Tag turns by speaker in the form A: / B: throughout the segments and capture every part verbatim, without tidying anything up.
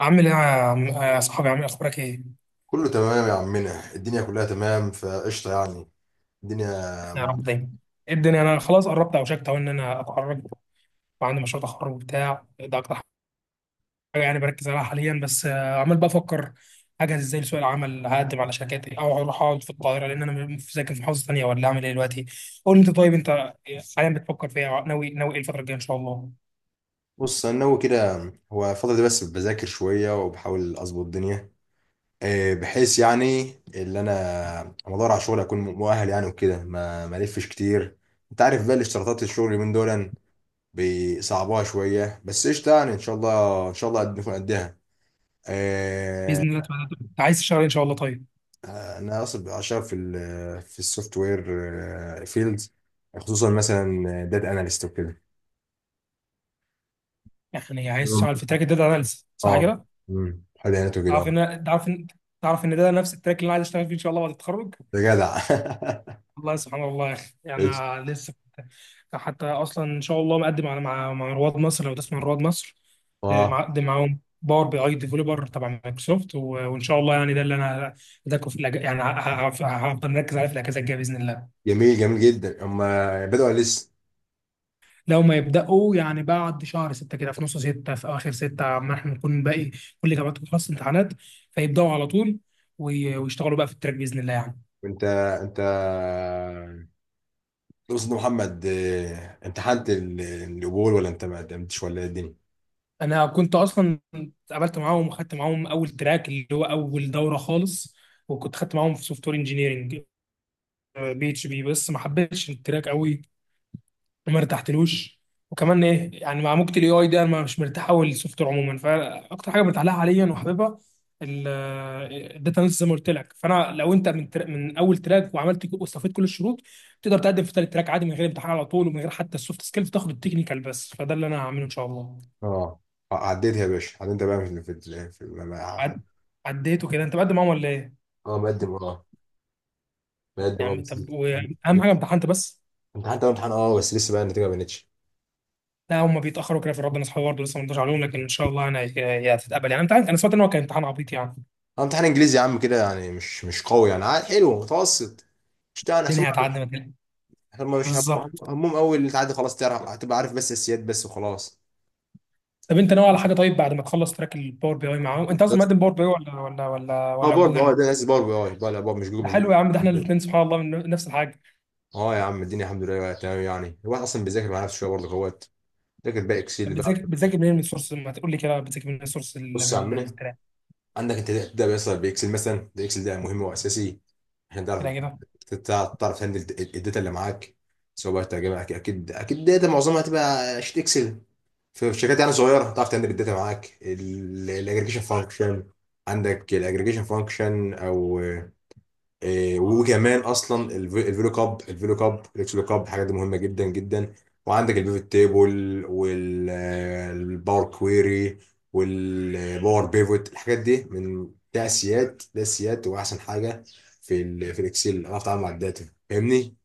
A: عامل ايه يا عم، يا صاحبي عامل إيه؟ اخبارك ايه؟
B: كله تمام يا عمنا، الدنيا كلها تمام فقشطة يعني. الدنيا
A: يا
B: مع...
A: رب دايما. ايه الدنيا، انا خلاص قربت اوشكت اهو ان انا اتخرج، وعندي مشروع تخرج وبتاع، ده اكتر حاجه يعني بركز عليها حاليا. بس آه، عمال بفكر اجهز ازاي لسوق العمل، هقدم على شركات ايه، او اروح اقعد في القاهره لان انا م- ساكن في محافظه ثانيه، ولا اعمل ايه دلوقتي. قول لي انت، طيب انت حاليا بتفكر في ايه؟ اه، ناوي ناوي ايه الفتره الجايه ان شاء الله؟
B: بص انا ناوي كده. هو الفترة دي بس بذاكر شوية وبحاول اظبط الدنيا. آه، بحيث يعني اللي انا أما ادور على شغل اكون مؤهل يعني وكده ما ما الفش كتير. انت عارف بقى الاشتراطات الشغل من دول بيصعبوها شوية، بس قشطة يعني. ان شاء الله ان شاء الله قد- نكون قدها. آه،
A: باذن الله تعالى. انت عايز تشتغل إيه ان شاء الله طيب؟
B: انا اصلا اشتغل في ال- في السوفت وير فيلد، خصوصا مثلا داتا اناليست وكده.
A: يعني عايز
B: مم.
A: تشتغل في تراك الداتا اناليسيس صح
B: اه.
A: كده؟
B: امم حد عينته كده
A: تعرف
B: اه.
A: ان تعرف ان تعرف ان ده نفس التراك اللي انا عايز اشتغل فيه ان شاء الله بعد التخرج.
B: ده جدع.
A: والله سبحان الله يا اخي، يعني
B: قشطة.
A: أنا لسه كنت- حتى اصلا ان شاء الله مقدم على، مع مع رواد مصر، لو تسمع عن رواد مصر. آه،
B: اه.
A: مقدم معاهم باور بي اي ديفلوبر تبع مايكروسوفت و- وان شاء الله يعني ده اللي انا هداكم في الأج... يعني ه- ه- ه- هفضل مركز عليه في الاجازه الجايه باذن الله.
B: جميل جميل جدا. هم بدأوا لسه؟
A: لو ما يبداوا يعني بعد شهر ستة كده، في نص ستة، في اخر ستة، ما احنا نكون باقي كل جامعات خلاص امتحانات، فيبداوا على طول وي- ويشتغلوا بقى في التراك باذن الله يعني.
B: وانت انت تقصد محمد، آه، امتحنت ال- القبول ولا انت ما قدمتش ولا ايه الدنيا؟
A: انا كنت اصلا اتقابلت معاهم وخدت معاهم اول تراك اللي هو اول دوره خالص، وكنت خدت معاهم في سوفت وير انجينيرنج بي اتش بي، بس ما حبيتش التراك قوي وما ارتحتلوش. وكمان ايه يعني، مع موجة الاي اي ده انا مش مرتاح قوي للسوفت وير عموما، فاكتر حاجه مرتاح لها حاليا وحاببها الداتا اناليسيس زي ما قلت لك. فانا لو انت من تر... من اول تراك وعملت ك- واستفدت كل الشروط، تقدر تقدم في ثالث تراك عادي من غير امتحان على طول، ومن غير حتى السوفت سكيلز، تاخد التكنيكال بس. فده اللي انا هعمله ان شاء الله.
B: اه. آه، عديتها يا باشا، عديت بقى في في في, في ما- ما-
A: عد... عديته كده؟ انت مقدم معاهم ولا ايه؟
B: اه مقدم اه،
A: يا
B: مقدم اه
A: عم
B: بس.
A: طب واهم حاجه، امتحنت بس؟
B: امتحنت اول امتحان اه، بس لسه بقى النتيجه ما بانتش.
A: لا هم بيتاخروا كده، في ربنا اصحابي برضه لسه ما ردوش عليهم، لكن ان شاء الله يعني هي هي هتتقبل يعني. انت عارف انا سمعت ان هو كان امتحان عبيط يعني.
B: آه، امتحان انجليزي يا عم كده، يعني مش مش قوي يعني، عاد حلو متوسط، مش تعرف.
A: الدنيا هتعدي.
B: احنا ما مش هم-
A: بالظبط.
B: همهم اول تعدي خلاص تعرف، هتبقى عارف بس السياد بس وخلاس.
A: طب انت ناوي على حاجه طيب بعد ما تخلص تراك الباور بي اي معاهم؟ انت اصلا مقدم باور بي اي ولا ولا ولا
B: اه
A: ولا
B: باور بي اه،
A: جوجل؟
B: ده ناس باور بي اي بقى، لا باور مش جوجل
A: ده
B: مش جوجل.
A: حلو يا عم، ده احنا الاثنين سبحان الله من نفس الحاجه.
B: اه يا عم الدنيا الحمد لله بقى تمام يعني. الواحد اصلا بيذاكر مع نفسه شويه برضه اخوات. ذاكر بقى
A: طب
B: اكسل بقى.
A: بتذاكر بتذاكر منين؟ من سورس؟ ما تقول لي كده بتذاكر منين، من سورس
B: بص يا عمنا،
A: التراك؟
B: عندك انت تبدا بيصل باكسل مثلا. ده اكسل ده مهم واساسي عشان تعرف
A: كده كده.
B: تعرف تعرف تهندل الداتا اللي معاك، سواء بقى ترجمه. اكيد اكيد اكيد داتا معظمها هتبقى شيت اكسل. في شركات يعني صغيره تعرف تعمل الداتا معاك الاجريجيشن فانكشن. عندك الاجريجيشن فانكشن او آه، وكمان اصلا الفيلو اب الفيلو اب الاكس اب، الحاجات دي مهمه جدا جدا. وعندك البيفت تيبل والباور كويري والباور بيفوت. الحاجات دي من تأسيات تأسيات واحسن حاجه في ال في الاكسل. اعرف اتعامل مع الداتا، فاهمني؟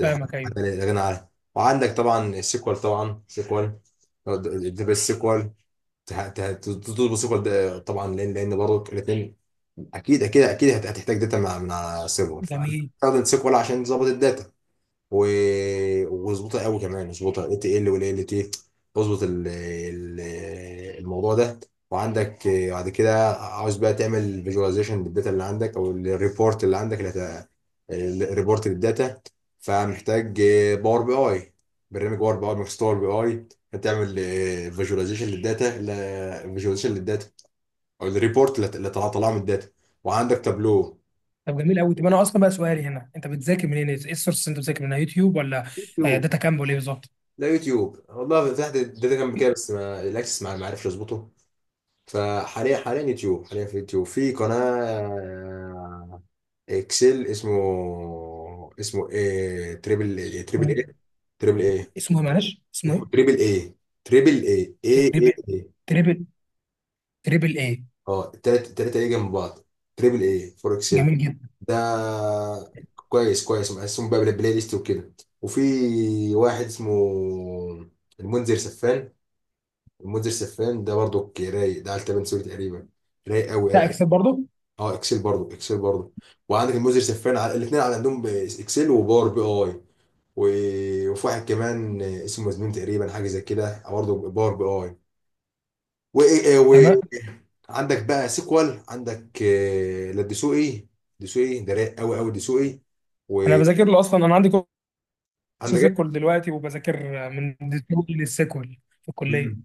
A: فاهمك
B: حاجة
A: ايوه.
B: لا غنى عنها. وعندك طبعا سيكوال. طبعا سيكوال، بس سيكوال تطلب سيكوال ده طبعا، لان لان برضه الاثنين. اكيد اكيد اكيد هت- هتحتاج داتا مع- من على سيرفر،
A: جميل.
B: فاستخدم سيكوال عشان تظبط الداتا و... وظبطها قوي كمان. اظبطها ات ال ولا ال تي. اظبط ال... ال... الموضوع ده. وعندك، آه، بعد كده عاوز بقى تعمل فيجواليزيشن للداتا اللي عندك او الريبورت اللي عندك اللي هت... الريبورت للداتا. فمحتاج باور بي اي. برنامج باور بي اي مايكروسوفت، باور بي اي تعمل فيجواليزيشن للداتا. فيجواليزيشن للداتا او الريبورت اللي اللي طلع طلع من الداتا. وعندك تابلو.
A: طب جميل قوي. طب انا اصلا بقى سؤالي هنا، انت بتذاكر منين؟ ايه السورس اللي انت بتذاكر منها، يوتيوب ولا آه، داتا كامب ولا ايه بالظبط؟
B: لا يوتيوب والله. فتحت الداتا كان بكده بس ما الاكسس ما ما عرفش اظبطه. فحاليا، حاليا يوتيوب، حاليا في يوتيوب في قناه آه، اكسل، اسمه، اسمه ايه، تريبل ايه
A: اسمه
B: تريبل ايه
A: ايه؟
B: تريبل ايه.
A: اسمه ايه معلش؟ اسمه
B: اسمه
A: ايه؟
B: تريبل ايه. تريبل ايه ايه ايه
A: تريبل.
B: ايه.
A: تريبل. تريبل ايه؟
B: اه التلاتة التلاتة ايه جنب بعض. تريبل ايه فور اكسل.
A: جميل جدا.
B: ده كويس كويس، مقسم بقى بلا- بلاي ليست وكده. وفي واحد اسمه المنذر سفان. المنذر سفان ده برضو رايق، ده على تبن سوري تقريبا. رايق قوي
A: بتاع
B: رايق.
A: اكسل برضه؟
B: اه اكسل برضو، اكسل برضو. وعندك المنذر سفان على الاثنين، على عندهم اكسل وباور بي اي. و- وفي واحد كمان اسمه مزنون تقريبا، حاجه زي كده، برضو باور بي اي
A: تمام.
B: و- وعندك بقى سيكوال. عندك آه، لا دسوقي. دسوقي ده رايق قوي قوي دسوقي.
A: انا
B: وعندك.
A: بذاكر له اصلا، انا عندي كورس سيكول دلوقتي، وبذاكر آه، من ديسكفري للسيكول في الكليه.
B: مم.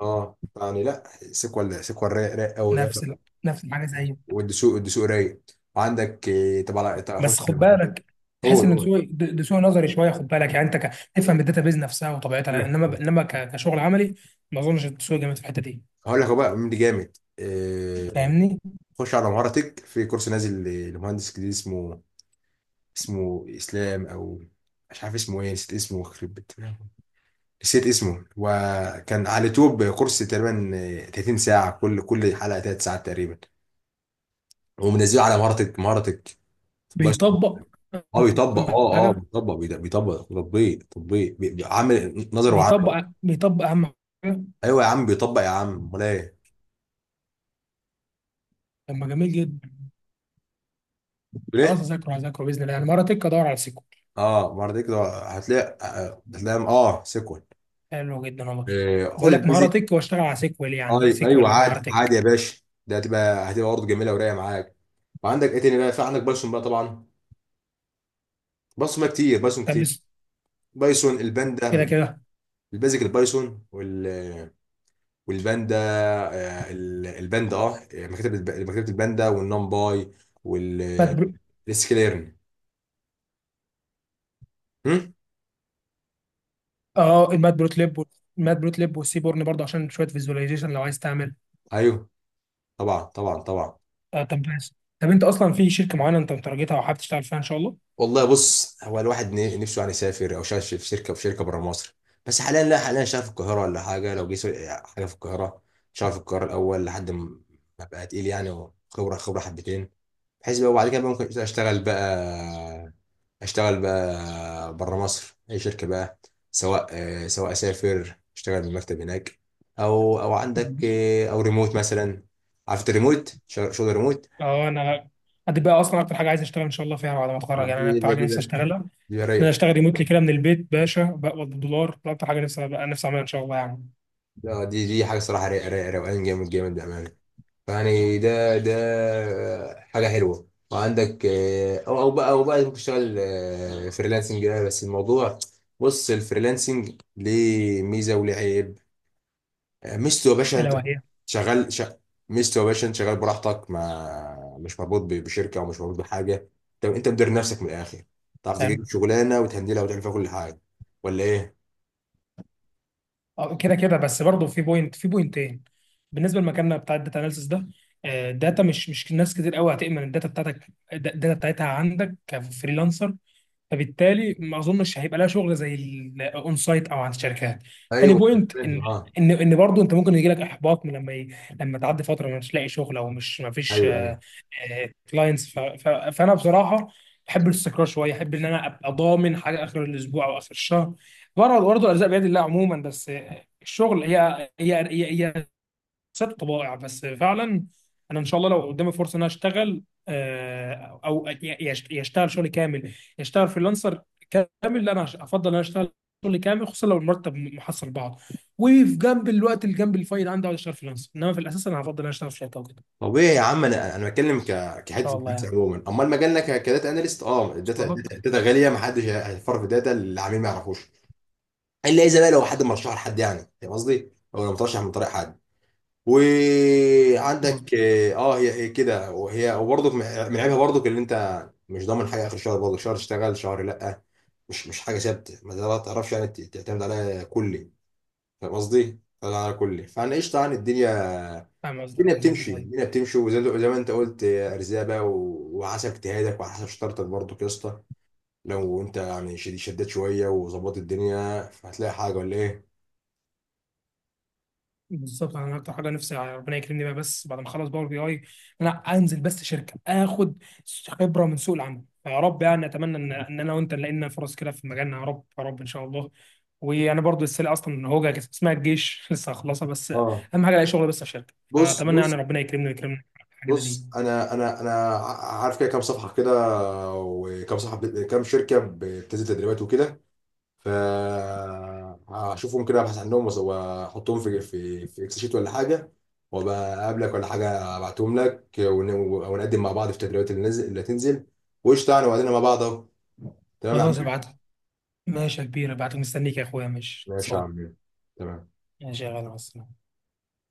B: اه يعني لا، سيكوال سيكوال رايق رايق قوي.
A: نفس ال- نفس الحاجه زي.
B: والدسوق الدسوق رايق. وعندك، آه، طب على طب اخش.
A: بس خد بالك،
B: هو
A: تحس ان
B: هو
A: سوق ده سوق نظري شويه، خد بالك يعني، انت ك- تفهم الداتا بيز نفسها وطبيعتها، انما انما ك- كشغل عملي ما اظنش السوق جامد في الحته دي.
B: هقول لك، هو بقى مين اللي جامد. آه،
A: فاهمني؟
B: خش على مهارتك، في كورس نازل ل- لمهندس جديد اسمه، اسمه اسلام او مش عارف اسمه ايه، نسيت اسمه خرب بيت. نسيت اسمه. وكان على اليوتيوب كورس، تقريبا آه، تلاتين ساعه، كل كل حلقه تلات ساعات تقريبا. ومنزله على مهارتك، مهارتك بس.
A: بيطبق
B: اه
A: أهم
B: بيطبق اه. اه
A: حاجه؟
B: بيطبق بيد- بيطبق تطبيق، تطبيق بي- بي- عامل نظر وعمل.
A: بيطبق بيطبق اهم حاجه.
B: ايوه يا عم بيطبق يا عم، امال ايه؟
A: طب ما جميل جدا. خلاص
B: ليه؟
A: هذاكره، هذاكره باذن الله يعني. مهاره تك ادور على سيكوال؟
B: اه بعد كده هتلاقي، آه، هتلاقي اه سيكوال.
A: حلو جدا والله.
B: آه خد
A: بقول لك مهاره
B: البيزك.
A: تك، واشتغل على سيكوال، يعني
B: ايوه ايوه
A: سيكوال مهاره
B: عادي عادي
A: تك.
B: يا باشا. ده هتبقى هتبقى برضه جميله ورايقه معاك. وعندك ايه تاني بقى؟ في عندك بايثون بقى طبعا. بايثون بقى كتير، بايثون
A: طب
B: كتير.
A: بس-
B: بايثون
A: كده
B: الباندا.
A: كده.
B: البيزك البايثون وال والباندا. آه، ال- الباندا اه، مكتبه الب- مكتبه الباندا والنمباي وال
A: مات برو...
B: السكليرن. هم؟
A: اه المات بروت ليب وال- المات بروت ليب والسيبورن برضه، عشان شويه فيزواليزيشن لو عايز تعمل.
B: ايوه طبعا طبعا طبعا.
A: آه طب بس، طب انت اصلا في شركه معينه انت مترجتها وحابب تشتغل فيها ان شاء الله؟
B: والله بص، هو الواحد ن- نفسه يعني يسافر او شغال في في شركه، في شركه بره مصر. بس حاليا لا، حاليا شغال في القاهره ولا حاجه. لو جه سو- حاجه في القاهره، شغال في القاهره الاول لحد ما بقى تقيل يعني، وخبره خبره حبتين. بحيث بقى، وبعد كده بقى ممكن اشتغل بقى، اشتغل بقى بره مصر اي شركه بقى. سواء آه، سواء اسافر اشتغل من المكتب هناك، او او عندك آه، او ريموت مثلا. عارف الريموت، شغل شغل ريموت.
A: اه انا دي بقى اصلا اكتر حاجه عايز اشتغل ان شاء الله فيها بعد ما اتخرج، يعني انا
B: دي
A: اكتر
B: دي-
A: حاجه
B: دي- دي-
A: نفسي اشتغلها ان انا
B: دي-
A: اشتغل ريموتلي كده من البيت باشا، بقبض بالدولار، ده اكتر حاجه نفسي بقى نفسي اعملها ان شاء الله يعني.
B: لا دي دي حاجه صراحه ري- ري- روقان جامد جامد بامانه، يعني ده ده، آه، حاجه حلوه. وعندك آه، او او بقى او بقى ممكن تشتغل آه، فريلانسنج. ده بس الموضوع، بص الفريلانسنج ليه ميزه وليه عيب. آه، ميزته يا باشا
A: الا
B: انت
A: وهي
B: شغال ش... ميزته يا باشا انت شغال براحتك، ما مش مربوط ب- بشركه ومش مربوط بحاجه. طب انت مدير نفسك من الاخر، تعرف
A: حلو.
B: تجيب شغلانه وتهندلها وتعمل فيها كل حاجه، ولا ايه؟
A: آه، كده كده. بس برضه في بوينت، في بوينتين. بالنسبه لمكاننا بتاع الداتا اناليسيس ده، آه، الداتا مش مش ناس كتير قوي هتامن الداتا بتاعتك، الداتا بتاعتها عندك كفريلانسر، فبالتالي ما اظنش هيبقى لها شغل زي الاون سايت او عند الشركات. تاني
B: ايوه
A: بوينت
B: فاهم
A: ان
B: اه.
A: ان ان برضه انت ممكن يجي لك احباط من لما ي... لما تعدي فتره مش لاقي شغل، او مش ما فيش
B: ايوه ايوه.
A: كلاينتس. ف... ف... فانا بصراحه بحب الاستقرار شويه، احب ان انا ابقى ضامن حاجه اخر الاسبوع او اخر الشهر. برضه برضه الارزاق بيد الله عموما، بس آه، الشغل هي هي هي, هي ست طبائع بس فعلا. انا ان شاء الله لو قدامي فرصه ان انا اشتغل، آه، او يش- يشتغل شغل كامل، يشتغل فريلانسر كامل، لا انا هش- افضل ان انا اشتغل شغل كامل، خصوصا لو المرتب محصل بعض، وفي جنب الوقت اللي جنب الفايل عندي اقعد اشتغل فريلانسر. انما في الاساس انا هفضل ان انا اشتغل في شركه وكده ان
B: طبيعي يا عم. انا انا بتكلم ك كحته
A: شاء الله
B: الفلوس
A: يعني.
B: عموما. امال مجالنا ك- كداتا اناليست اه، الداتا
A: وصل لك؟
B: الداتا الداتا غاليه، ما حدش هيفر في داتا العميل ما يعرفوش. الا اذا بقى لو حد مرشح لحد، يعني فاهم قصدي، او لو مترشح من طريق حد.
A: مظبوط.
B: وعندك اه هي هي كده. وهي وبرضك من عيبها برضك اللي انت مش ضامن حاجه اخر الشهر، برضك شهر تشتغل شهر لا. مش مش حاجه ثابته ما تعرفش يعني تعتمد عليها كلي، فاهم قصدي؟ تعتمد عليها كلي. فانا قشطه يعني، الدنيا
A: فاهم قصدك
B: الدنيا
A: اكيد.
B: بتمشي،
A: طيب
B: الدنيا بتمشي. وزي زي ما انت قلت، يا ارزاق و... وحسب اجتهادك وحسب شطارتك برضو يا اسطى. لو انت يعني شد- شديت شويه وظبطت الدنيا فهتلاقي حاجه، ولا ايه؟
A: بالظبط، انا اكتر حاجه نفسي ربنا يكرمني بقى بس بعد ما اخلص باور بي اي، ان انا انزل بس شركه، اخد خبره من سوق العمل، فيا رب يعني اتمنى ان ان انا وانت نلاقي لنا فرص كده في مجالنا، يا رب يا رب ان شاء الله. وانا برضو لسه اصلا هوجه كانت اسمها الجيش لسه هخلصها بس.
B: اه.
A: اهم حاجه الاقي شغل بس في شركه،
B: بص
A: فاتمنى يعني
B: بص
A: ربنا يكرمني ويكرمني في الحاجه
B: بص،
A: دي.
B: انا انا انا ع- عارف كده كام صفحه كده، وكام صفحه ب- كام شركه بتنزل تدريبات وكده. ف هشوفهم كده، ابحث عنهم وأس- واحطهم في في في اكس شيت ولا حاجه، وابقى اقابلك ولا حاجه ابعتهم لك ون- ونقدم مع بعض في التدريبات اللي نزل اللي هتنزل. وقشطه يعني، وبعدين مع بعض اهو. تمام يا عم.
A: خلاص ابعت لي. ماشي يا كبير، ابعت لي مستنيك يا اخويا، ماشي
B: ماشي يا
A: خلصان.
B: عم. تمام.
A: ماشي يا غالي، مع السلامة.